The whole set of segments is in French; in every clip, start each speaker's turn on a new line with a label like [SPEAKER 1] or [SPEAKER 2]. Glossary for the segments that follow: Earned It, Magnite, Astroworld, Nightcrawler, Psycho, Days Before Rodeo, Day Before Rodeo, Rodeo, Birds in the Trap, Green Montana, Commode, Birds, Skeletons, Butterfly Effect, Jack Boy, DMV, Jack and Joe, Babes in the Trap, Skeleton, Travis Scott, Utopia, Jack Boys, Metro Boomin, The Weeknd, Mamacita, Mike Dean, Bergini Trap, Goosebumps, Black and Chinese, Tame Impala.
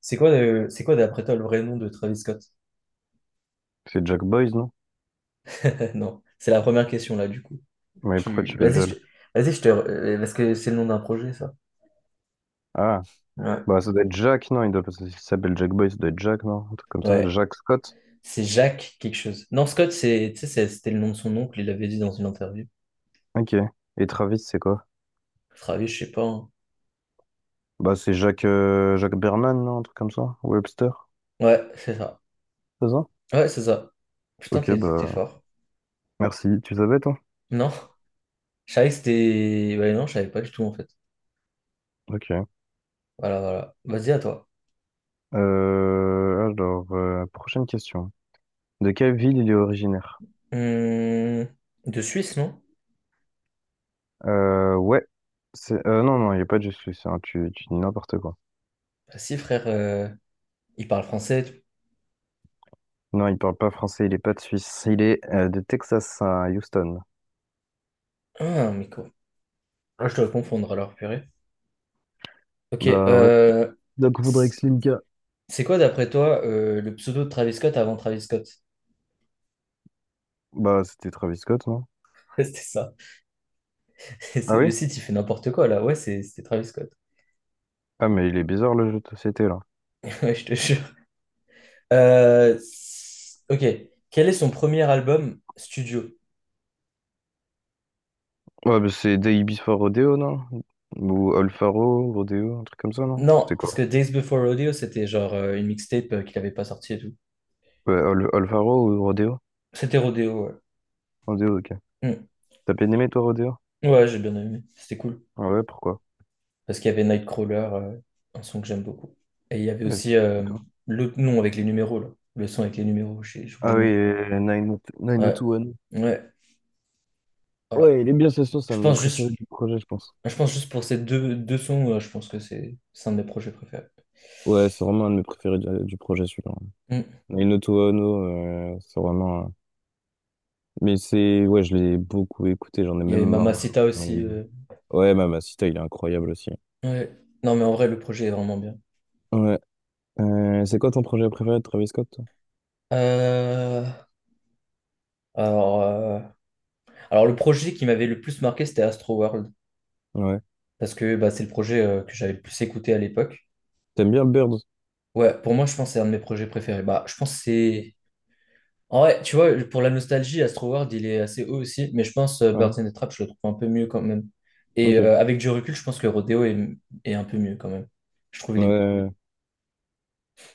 [SPEAKER 1] C'est quoi d'après toi le vrai nom de Travis Scott?
[SPEAKER 2] C'est Jack Boys, non?
[SPEAKER 1] Non, c'est la première question là du coup.
[SPEAKER 2] Mais pourquoi tu
[SPEAKER 1] Tu... Vas-y,
[SPEAKER 2] rigoles?
[SPEAKER 1] je te... Vas-y, je te... parce que c'est le nom d'un projet ça.
[SPEAKER 2] Ah,
[SPEAKER 1] Ouais.
[SPEAKER 2] bah ça doit être Jack, non? Il doit pas s'il s'appelle Jack Boys, ça doit être Jack, non? Un truc comme ça.
[SPEAKER 1] Ouais.
[SPEAKER 2] Jack Scott?
[SPEAKER 1] C'est Jacques quelque chose. Non, Scott, c'est... tu sais, c'était le nom de son oncle, il l'avait dit dans une interview.
[SPEAKER 2] Ok. Et Travis, c'est quoi?
[SPEAKER 1] Travis, je sais pas, hein.
[SPEAKER 2] Bah c'est Jack, Jack Berman, non? Un truc comme ça? Webster?
[SPEAKER 1] Ouais, c'est ça.
[SPEAKER 2] C'est ça?
[SPEAKER 1] Ouais, c'est ça. Putain,
[SPEAKER 2] Ok,
[SPEAKER 1] t'es
[SPEAKER 2] bah
[SPEAKER 1] fort.
[SPEAKER 2] merci. Tu savais, toi?
[SPEAKER 1] Non, je savais que c'était... Ouais, non, je savais pas du tout en fait.
[SPEAKER 2] Ok.
[SPEAKER 1] Voilà, voilà. Vas-y, à toi.
[SPEAKER 2] Alors, prochaine question. De quelle ville il est originaire?
[SPEAKER 1] Hum, De Suisse, non?
[SPEAKER 2] Ouais. C'est, non, non, il n'est pas de Suisse, hein. Tu dis n'importe quoi.
[SPEAKER 1] Bah si, frère, il parle français.
[SPEAKER 2] Non, il parle pas français, il est pas de Suisse. Il est de Texas à Houston.
[SPEAKER 1] Ah, mais quoi? Ah, je dois confondre alors, purée. Ok,
[SPEAKER 2] Bah ouais, donc faudrait que
[SPEAKER 1] c-
[SPEAKER 2] Slimka.
[SPEAKER 1] c'est quoi d'après toi le pseudo de Travis Scott avant Travis Scott?
[SPEAKER 2] Bah, c'était Travis Scott, non?
[SPEAKER 1] Ouais, c'était ça.
[SPEAKER 2] Ah
[SPEAKER 1] Le
[SPEAKER 2] oui?
[SPEAKER 1] site, il fait n'importe quoi là. Ouais, c'était Travis Scott.
[SPEAKER 2] Ah, mais il est bizarre le jeu de société là.
[SPEAKER 1] Ouais, je te jure. Ok, quel est son premier album studio?
[SPEAKER 2] Ouais, bah, c'est Day Before Rodeo, non? Ou Alfaro, Rodeo, un truc comme ça, non?
[SPEAKER 1] Non,
[SPEAKER 2] C'était quoi?
[SPEAKER 1] parce que Days Before Rodeo, c'était genre une mixtape qu'il avait pas sortie et tout.
[SPEAKER 2] Ouais, Alfaro ou Rodeo?
[SPEAKER 1] C'était Rodeo, ouais.
[SPEAKER 2] Rodeo, ok.
[SPEAKER 1] Hmm.
[SPEAKER 2] T'as bien aimé toi, Rodeo?
[SPEAKER 1] Ouais, j'ai bien aimé. C'était cool.
[SPEAKER 2] Ah ouais, pourquoi?
[SPEAKER 1] Parce qu'il y avait Nightcrawler, un son que j'aime beaucoup. Et il y avait
[SPEAKER 2] Ouais, c'est
[SPEAKER 1] aussi
[SPEAKER 2] c'est toi.
[SPEAKER 1] l'autre nom avec les numéros, là. Le son avec les numéros, j'ai oublié
[SPEAKER 2] Ah
[SPEAKER 1] le
[SPEAKER 2] oui,
[SPEAKER 1] nom. Ouais,
[SPEAKER 2] 9021.
[SPEAKER 1] ouais, voilà.
[SPEAKER 2] Ouais, il est bien, ce son, c'est
[SPEAKER 1] Je
[SPEAKER 2] un de mes
[SPEAKER 1] pense
[SPEAKER 2] préférés
[SPEAKER 1] juste,
[SPEAKER 2] du projet, je pense.
[SPEAKER 1] je pense juste pour ces deux sons, je pense que c'est un de mes projets préférés.
[SPEAKER 2] Ouais, c'est vraiment un de mes préférés du projet, celui-là.
[SPEAKER 1] Mm.
[SPEAKER 2] 9021, Mais c'est. Ouais, je l'ai beaucoup écouté, j'en ai
[SPEAKER 1] Il y
[SPEAKER 2] même
[SPEAKER 1] avait
[SPEAKER 2] marre.
[SPEAKER 1] Mamacita aussi,
[SPEAKER 2] Ouais, Mamacita, il est incroyable aussi.
[SPEAKER 1] ouais. Non, mais en vrai, le projet est vraiment bien.
[SPEAKER 2] Ouais. C'est quoi ton projet préféré de Travis Scott, toi?
[SPEAKER 1] Euh, Alors, euh, alors, le projet qui m'avait le plus marqué, c'était Astro World,
[SPEAKER 2] Ouais.
[SPEAKER 1] parce que bah, c'est le projet que j'avais le plus écouté à l'époque.
[SPEAKER 2] T'aimes bien Birds?
[SPEAKER 1] Ouais, pour moi, je pense que c'est un de mes projets préférés. Bah, je pense que
[SPEAKER 2] Ok.
[SPEAKER 1] c'est. En vrai, tu vois, pour la nostalgie, Astroworld, il est assez haut aussi, mais je pense
[SPEAKER 2] Ouais.
[SPEAKER 1] Birds in the Trap, je le trouve un peu mieux quand même. Et
[SPEAKER 2] Ok.
[SPEAKER 1] euh, avec du recul, je pense que Rodeo est un peu mieux quand même. Je trouve il est mieux.
[SPEAKER 2] Ouais.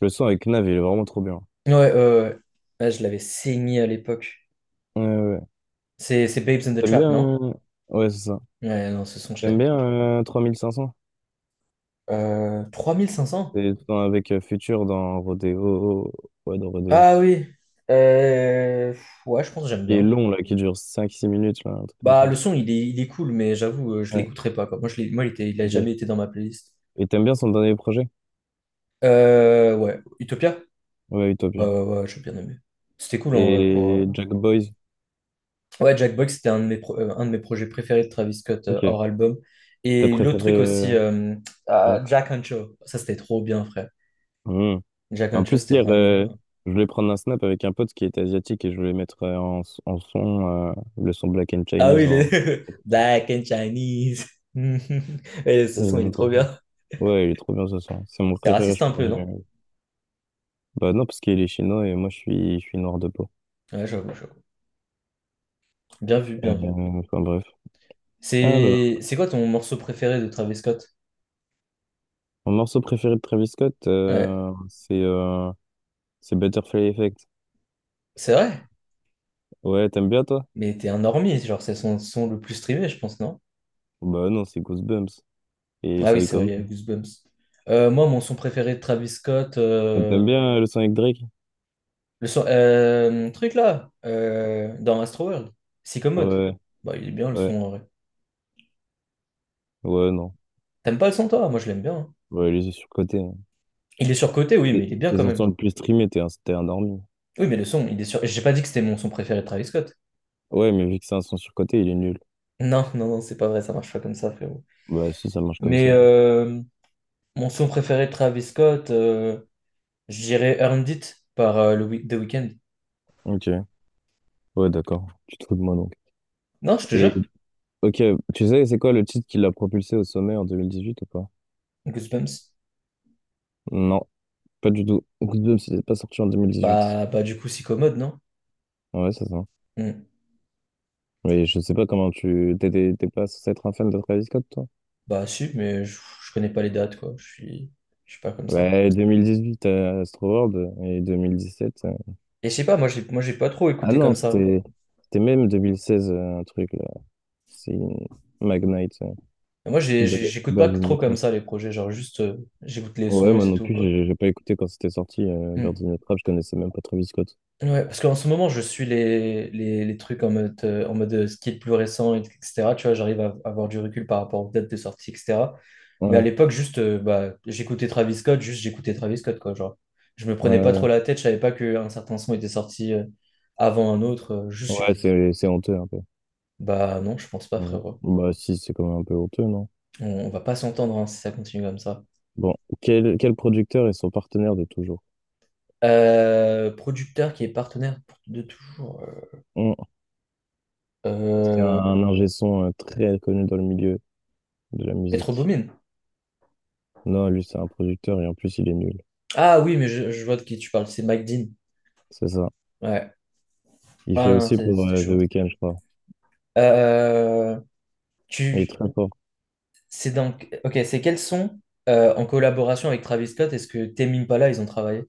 [SPEAKER 2] Le son avec Nav, il est vraiment trop bien.
[SPEAKER 1] Ouais, ouais. Ouais, je l'avais saigné à l'époque.
[SPEAKER 2] Ouais, ouais.
[SPEAKER 1] C'est Babes in the
[SPEAKER 2] T'aimes
[SPEAKER 1] Trap,
[SPEAKER 2] bien...
[SPEAKER 1] non?
[SPEAKER 2] euh, Ouais, c'est ça.
[SPEAKER 1] Ouais, non, ce son, je
[SPEAKER 2] T'aimes
[SPEAKER 1] l'avais.
[SPEAKER 2] bien 3500?
[SPEAKER 1] 3500.
[SPEAKER 2] C'est avec Future dans Rodeo. Ouais, dans Rodeo.
[SPEAKER 1] Ah oui. Ouais, je pense que j'aime
[SPEAKER 2] Qui est
[SPEAKER 1] bien.
[SPEAKER 2] long, là, qui dure 5 6 minutes, là, un truc comme
[SPEAKER 1] Bah,
[SPEAKER 2] ça.
[SPEAKER 1] le son, il est cool, mais j'avoue, je
[SPEAKER 2] Ouais,
[SPEAKER 1] l'écouterai pas, quoi. Moi, il a
[SPEAKER 2] ok.
[SPEAKER 1] jamais été dans ma playlist.
[SPEAKER 2] Et t'aimes bien son dernier projet?
[SPEAKER 1] Ouais, Utopia?
[SPEAKER 2] Ouais,
[SPEAKER 1] Ouais,
[SPEAKER 2] Utopia.
[SPEAKER 1] ouais, ouais, j'ai bien aimé. C'était cool en vrai pour...
[SPEAKER 2] Et Jack Boys?
[SPEAKER 1] Ouais, Jack Boy, c'était un de mes projets préférés de Travis Scott,
[SPEAKER 2] Ok.
[SPEAKER 1] hors album.
[SPEAKER 2] T'as
[SPEAKER 1] Et l'autre
[SPEAKER 2] préféré...
[SPEAKER 1] truc aussi,
[SPEAKER 2] euh, Ouais.
[SPEAKER 1] Jack and Joe. Ça, c'était trop bien, frère.
[SPEAKER 2] Hmm.
[SPEAKER 1] Jack and
[SPEAKER 2] En
[SPEAKER 1] Joe,
[SPEAKER 2] plus,
[SPEAKER 1] c'était
[SPEAKER 2] hier,
[SPEAKER 1] vraiment bien.
[SPEAKER 2] je voulais prendre un snap avec un pote qui était asiatique et je voulais mettre en, s- en son le son Black and
[SPEAKER 1] Ah oui,
[SPEAKER 2] Chinese.
[SPEAKER 1] les... Black and Chinese. Et
[SPEAKER 2] Et
[SPEAKER 1] ce
[SPEAKER 2] il
[SPEAKER 1] son, il est
[SPEAKER 2] aimait ça.
[SPEAKER 1] trop bien.
[SPEAKER 2] Ouais, il est trop bien ce son. C'est mon
[SPEAKER 1] C'est
[SPEAKER 2] préféré,
[SPEAKER 1] raciste
[SPEAKER 2] je
[SPEAKER 1] un
[SPEAKER 2] pense.
[SPEAKER 1] peu, non?
[SPEAKER 2] Bah non, parce qu'il est chinois et moi, je suis noir de peau.
[SPEAKER 1] Ouais, j'avoue, j'avoue. Bien vu,
[SPEAKER 2] Euh,
[SPEAKER 1] bien vu.
[SPEAKER 2] enfin, bref. Alors,
[SPEAKER 1] C'est quoi ton morceau préféré de Travis Scott?
[SPEAKER 2] mon morceau préféré de Travis Scott,
[SPEAKER 1] Ouais,
[SPEAKER 2] c'est Butterfly Effect.
[SPEAKER 1] c'est vrai,
[SPEAKER 2] Ouais, t'aimes bien, toi?
[SPEAKER 1] mais t'es un normie, genre, c'est son le plus streamé, je pense, non?
[SPEAKER 2] Bah non, c'est Goosebumps. Et
[SPEAKER 1] Ah oui, c'est vrai, il
[SPEAKER 2] Psycho.
[SPEAKER 1] y a Goosebumps. Moi, mon son préféré de Travis Scott,
[SPEAKER 2] Et t'aimes bien le son avec Drake?
[SPEAKER 1] le son, truc là, dans Astroworld, Commode.
[SPEAKER 2] Ouais,
[SPEAKER 1] Bah, il est bien le
[SPEAKER 2] ouais,
[SPEAKER 1] son en vrai.
[SPEAKER 2] ouais, non.
[SPEAKER 1] T'aimes pas le son toi? Moi, je l'aime bien, hein.
[SPEAKER 2] Ouais, il est surcoté.
[SPEAKER 1] Il est surcoté, oui, mais
[SPEAKER 2] Tes
[SPEAKER 1] il est bien
[SPEAKER 2] tes
[SPEAKER 1] quand
[SPEAKER 2] chansons
[SPEAKER 1] même.
[SPEAKER 2] le plus streamées, t'es endormi.
[SPEAKER 1] Oui, mais le son, il est sur. J'ai pas dit que c'était mon son préféré de Travis Scott.
[SPEAKER 2] Ouais, mais vu que c'est un son surcoté, il est nul.
[SPEAKER 1] Non, non, non, c'est pas vrai, ça marche pas comme ça, frérot.
[SPEAKER 2] Bah si, ça marche comme
[SPEAKER 1] Mais
[SPEAKER 2] ça.
[SPEAKER 1] mon son préféré de Travis Scott, je dirais Earned It par The Weeknd.
[SPEAKER 2] Ok, ouais, d'accord. Tu te fous de moi donc.
[SPEAKER 1] Non, je te
[SPEAKER 2] Et
[SPEAKER 1] jure,
[SPEAKER 2] ok, tu sais, c'est quoi le titre qui l'a propulsé au sommet en 2018 ou pas?
[SPEAKER 1] Goosebumps.
[SPEAKER 2] Non, pas du tout. Good Job, c'était pas sorti en 2018.
[SPEAKER 1] Bah, du coup, Commode, non?
[SPEAKER 2] Ouais, c'est ça.
[SPEAKER 1] Hmm.
[SPEAKER 2] Mais je sais pas comment tu... t'es pas censé être un fan de Travis Scott, toi?
[SPEAKER 1] Bah si, mais je connais pas les dates, quoi. Je suis pas comme ça.
[SPEAKER 2] Ouais, 2018 à Astro World et 2017.
[SPEAKER 1] Et je sais pas, moi j'ai pas trop
[SPEAKER 2] Ah
[SPEAKER 1] écouté
[SPEAKER 2] non,
[SPEAKER 1] comme ça.
[SPEAKER 2] c'était même 2016, un truc, là. C'est Magnite. Ber-
[SPEAKER 1] J'écoute pas trop
[SPEAKER 2] Bergini
[SPEAKER 1] comme
[SPEAKER 2] Trap.
[SPEAKER 1] ça les projets, genre juste j'écoute les
[SPEAKER 2] Ouais,
[SPEAKER 1] sons et
[SPEAKER 2] moi
[SPEAKER 1] c'est
[SPEAKER 2] non
[SPEAKER 1] tout,
[SPEAKER 2] plus,
[SPEAKER 1] quoi.
[SPEAKER 2] j'ai pas écouté quand c'était sorti,
[SPEAKER 1] Hmm.
[SPEAKER 2] Bergini Trap, je connaissais même pas Travis Scott.
[SPEAKER 1] Ouais, parce qu'en ce moment je suis les trucs en mode, ce qui est le plus récent, etc. Tu vois, j'arrive à avoir du recul par rapport aux dates de sortie, etc. Mais à
[SPEAKER 2] Ouais,
[SPEAKER 1] l'époque, juste bah, j'écoutais Travis Scott, juste j'écoutais Travis Scott, quoi. Genre, je me prenais
[SPEAKER 2] ouais,
[SPEAKER 1] pas
[SPEAKER 2] ouais.
[SPEAKER 1] trop la tête, je savais pas qu'un certain son était sorti avant un autre, juste
[SPEAKER 2] Ouais,
[SPEAKER 1] j'écoutais.
[SPEAKER 2] c'est honteux un peu.
[SPEAKER 1] Bah non, je pense pas,
[SPEAKER 2] Ouais.
[SPEAKER 1] frérot.
[SPEAKER 2] Bah si, c'est quand même un peu honteux, non?
[SPEAKER 1] On va pas s'entendre, hein, si ça continue comme ça.
[SPEAKER 2] Bon, quel producteur est son partenaire de toujours?
[SPEAKER 1] Producteur qui est partenaire de toujours.
[SPEAKER 2] Hum, C'est
[SPEAKER 1] Euh,
[SPEAKER 2] un ingé son très connu dans le milieu de la
[SPEAKER 1] Metro
[SPEAKER 2] musique.
[SPEAKER 1] Boomin.
[SPEAKER 2] Non, lui, c'est un producteur et en plus, il est nul.
[SPEAKER 1] Ah oui, mais je vois de qui tu parles. C'est Mike Dean.
[SPEAKER 2] C'est ça.
[SPEAKER 1] Ouais.
[SPEAKER 2] Il fait
[SPEAKER 1] Ah non,
[SPEAKER 2] aussi pour
[SPEAKER 1] c'était
[SPEAKER 2] The
[SPEAKER 1] chaud.
[SPEAKER 2] Weeknd, je crois.
[SPEAKER 1] Euh,
[SPEAKER 2] Il est
[SPEAKER 1] tu,
[SPEAKER 2] très fort.
[SPEAKER 1] c'est donc. Ok, c'est quels sons en collaboration avec Travis Scott est-ce que Tame Impala ils ont travaillé?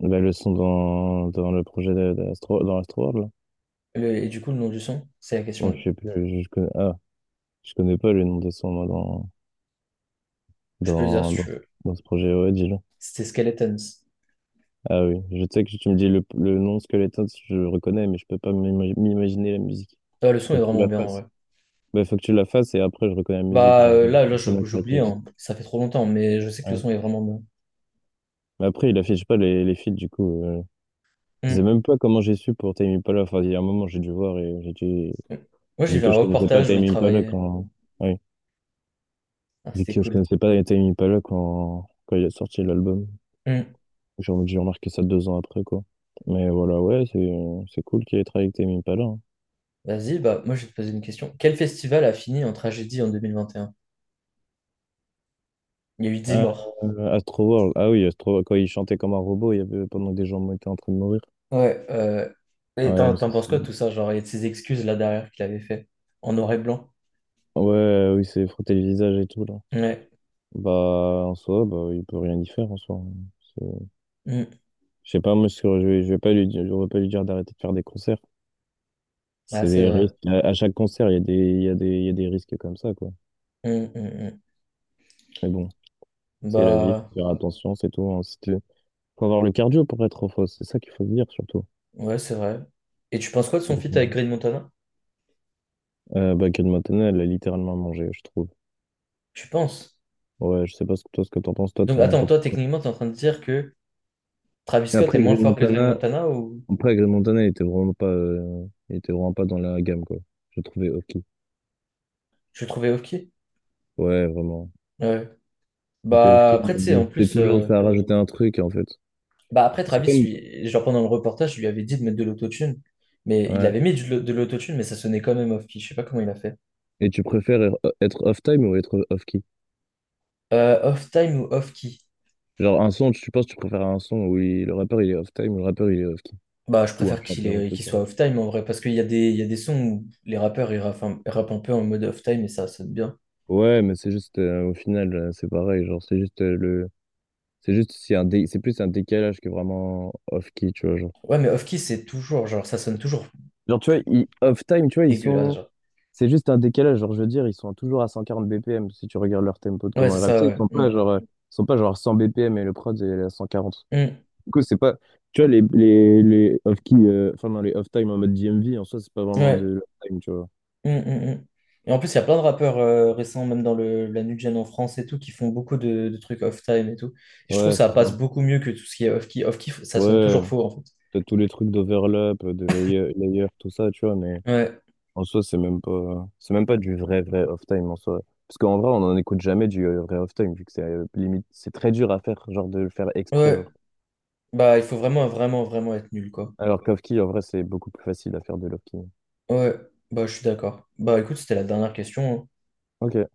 [SPEAKER 2] Bah, le son dans le projet d'Astro, dans Astroworld, là.
[SPEAKER 1] Et du coup, le nom du son, c'est la
[SPEAKER 2] Bon, je
[SPEAKER 1] question.
[SPEAKER 2] sais plus, je connais. Ah, je connais pas le nom de son, moi,
[SPEAKER 1] Je peux le dire
[SPEAKER 2] dans,
[SPEAKER 1] si
[SPEAKER 2] dans,
[SPEAKER 1] tu veux.
[SPEAKER 2] dans ce projet. Ouais, dis-le.
[SPEAKER 1] C'était Skeletons.
[SPEAKER 2] Ah oui, je sais que tu me dis le nom Skeleton, je le reconnais, mais je peux pas m'imaginer la musique.
[SPEAKER 1] Ah, le son
[SPEAKER 2] Faut
[SPEAKER 1] est
[SPEAKER 2] que tu
[SPEAKER 1] vraiment
[SPEAKER 2] la
[SPEAKER 1] bien en
[SPEAKER 2] fasses.
[SPEAKER 1] vrai.
[SPEAKER 2] Bah, faut que tu la fasses et après, je reconnais la musique.
[SPEAKER 1] Bah
[SPEAKER 2] Genre, je
[SPEAKER 1] euh,
[SPEAKER 2] vais
[SPEAKER 1] là
[SPEAKER 2] pas reconnaître avec
[SPEAKER 1] j'oublie,
[SPEAKER 2] le titre.
[SPEAKER 1] hein. Ça fait trop longtemps, mais je sais que le
[SPEAKER 2] Ouais.
[SPEAKER 1] son est vraiment bien.
[SPEAKER 2] Mais après, il affiche pas les feats, du coup. Je sais
[SPEAKER 1] Mm.
[SPEAKER 2] même pas comment j'ai su pour Tame Impala. Enfin, il y a un moment, j'ai dû voir et j'ai dû...
[SPEAKER 1] Moi, j'ai
[SPEAKER 2] Vu
[SPEAKER 1] vu un
[SPEAKER 2] que je connaissais pas
[SPEAKER 1] reportage où
[SPEAKER 2] Tame
[SPEAKER 1] il
[SPEAKER 2] Impala
[SPEAKER 1] travaillait.
[SPEAKER 2] quand... Ouais.
[SPEAKER 1] Ah,
[SPEAKER 2] Vu
[SPEAKER 1] c'était
[SPEAKER 2] que je
[SPEAKER 1] cool.
[SPEAKER 2] connaissais pas Tame Impala quand il a sorti l'album.
[SPEAKER 1] Mm.
[SPEAKER 2] J'ai remarqué ça 2 ans après, quoi. Mais voilà, ouais, c'est cool qu'il ait travaillé avec Tame Impala, hein.
[SPEAKER 1] Vas-y, bah moi, je vais te poser une question. Quel festival a fini en tragédie en 2021? Il y a eu dix
[SPEAKER 2] Ah,
[SPEAKER 1] morts.
[SPEAKER 2] Astroworld, ah oui, Astroworld, quand il chantait comme un robot, il y avait pendant que des gens étaient en train de mourir.
[SPEAKER 1] Ouais.
[SPEAKER 2] Ah
[SPEAKER 1] Et
[SPEAKER 2] ouais,
[SPEAKER 1] t'en
[SPEAKER 2] mais ça,
[SPEAKER 1] t'en penses quoi de tout ça? Genre, il y a de ces excuses là derrière qu'il avait fait en noir et blanc.
[SPEAKER 2] oui, c'est frotter le visage et tout, là.
[SPEAKER 1] Ouais.
[SPEAKER 2] Bah, en soi, bah, il peut rien y faire, en soi. C'est-
[SPEAKER 1] Mm.
[SPEAKER 2] Je sais pas, moi, je vais pas lui dire, je vais pas lui dire d'arrêter de faire des concerts.
[SPEAKER 1] Ah,
[SPEAKER 2] C'est
[SPEAKER 1] c'est
[SPEAKER 2] des
[SPEAKER 1] vrai.
[SPEAKER 2] risques. À chaque concert, il y a il y a des risques comme ça, quoi.
[SPEAKER 1] Mm, mm, mm.
[SPEAKER 2] Mais bon, c'est la vie, faut
[SPEAKER 1] Bah,
[SPEAKER 2] faire attention, c'est tout, hein. Si t'es- Faut avoir le cardio pour être en fausse, c'est ça qu'il faut se dire surtout.
[SPEAKER 1] ouais, c'est vrai. Et tu penses quoi de son feat avec Green Montana?
[SPEAKER 2] Bah, Kate Montana, elle a littéralement mangé, je trouve.
[SPEAKER 1] Tu penses?
[SPEAKER 2] Ouais, je sais pas ce que toi, ce que t'en penses, toi,
[SPEAKER 1] Donc, attends,
[SPEAKER 2] t'en
[SPEAKER 1] toi,
[SPEAKER 2] penses quoi.
[SPEAKER 1] techniquement, t'es en train de dire que Travis
[SPEAKER 2] Et
[SPEAKER 1] Scott est
[SPEAKER 2] Après,
[SPEAKER 1] moins
[SPEAKER 2] Green
[SPEAKER 1] fort que Dream
[SPEAKER 2] Montana,
[SPEAKER 1] Montana ou
[SPEAKER 2] après, Green Montana, il était vraiment pas, il était vraiment pas dans la gamme, quoi. J'ai trouvé Hofki.
[SPEAKER 1] je le trouvais ok?
[SPEAKER 2] Ouais, vraiment.
[SPEAKER 1] Ouais.
[SPEAKER 2] Donc,
[SPEAKER 1] Bah
[SPEAKER 2] Hofki,
[SPEAKER 1] après tu sais en
[SPEAKER 2] c'est
[SPEAKER 1] plus
[SPEAKER 2] toujours, ça a rajouté un truc, en fait.
[SPEAKER 1] Bah après
[SPEAKER 2] C'est
[SPEAKER 1] Travis
[SPEAKER 2] comme,
[SPEAKER 1] lui, genre, pendant le reportage je lui avais dit de mettre de l'autotune, mais il avait
[SPEAKER 2] ouais.
[SPEAKER 1] mis de l'autotune mais ça sonnait quand même off key, je sais pas comment il a fait.
[SPEAKER 2] Et tu préfères être off-time ou être off-key?
[SPEAKER 1] Off time ou off key?
[SPEAKER 2] Genre, un son, tu penses, tu préfères un son où le rappeur, il est off-time ou le rappeur, il est off-key?
[SPEAKER 1] Bah je
[SPEAKER 2] Ou un
[SPEAKER 1] préfère
[SPEAKER 2] chanteur, ou autre
[SPEAKER 1] qu'il soit
[SPEAKER 2] chose?
[SPEAKER 1] off time en vrai parce qu'il y a des sons où les rappeurs ils rappent, ils rappent un peu en mode off time et ça sonne bien.
[SPEAKER 2] Ouais, mais c'est juste, au final, c'est pareil, genre, c'est juste le... C'est juste, c'est c'est plus un décalage que vraiment off-key, tu vois, genre.
[SPEAKER 1] Ouais mais off key c'est toujours genre ça sonne toujours
[SPEAKER 2] Genre, tu vois, off-time, tu vois, ils
[SPEAKER 1] dégueulasse,
[SPEAKER 2] sont...
[SPEAKER 1] genre.
[SPEAKER 2] C'est juste un décalage, genre, je veux dire, ils sont toujours à 140 BPM, si tu regardes leur tempo de
[SPEAKER 1] Ouais,
[SPEAKER 2] comment
[SPEAKER 1] c'est
[SPEAKER 2] ils rappent. Tu
[SPEAKER 1] ça,
[SPEAKER 2] sais, ils
[SPEAKER 1] ouais.
[SPEAKER 2] sont
[SPEAKER 1] Mm.
[SPEAKER 2] pas, genre, ils sont pas, genre, 100 BPM et le prod, il est à 140.
[SPEAKER 1] Mm.
[SPEAKER 2] Du coup, c'est pas... Tu vois, les off-key, enfin, non, les off-time en mode DMV, en soi, c'est pas vraiment de
[SPEAKER 1] Ouais.
[SPEAKER 2] l'off-time, tu vois.
[SPEAKER 1] Mm, mm, mm. Et en plus, il y a plein de rappeurs récents, même dans la new gen en France et tout, qui font beaucoup de trucs off-time et tout. Et je trouve que
[SPEAKER 2] Ouais,
[SPEAKER 1] ça
[SPEAKER 2] c'est
[SPEAKER 1] passe
[SPEAKER 2] ça.
[SPEAKER 1] beaucoup mieux que tout ce qui est off-key. Off-key, ça sonne
[SPEAKER 2] Ouais,
[SPEAKER 1] toujours faux, en fait.
[SPEAKER 2] t'as tous les trucs d'overlap, de layer, tout ça, tu vois, mais...
[SPEAKER 1] Ouais,
[SPEAKER 2] En soi, c'est même pas du vrai, vrai off-time en soi. Parce qu'en vrai, on n'en écoute jamais du vrai off-time, vu que c'est limite, c'est très dur à faire, genre de le faire exprès,
[SPEAKER 1] ouais.
[SPEAKER 2] genre.
[SPEAKER 1] Bah, il faut vraiment, vraiment, vraiment être nul, quoi.
[SPEAKER 2] Alors qu'off-key, en vrai, c'est beaucoup plus facile à faire de l'off-key.
[SPEAKER 1] Ouais, bah, je suis d'accord. Bah, écoute, c'était la dernière question, hein.
[SPEAKER 2] Ok.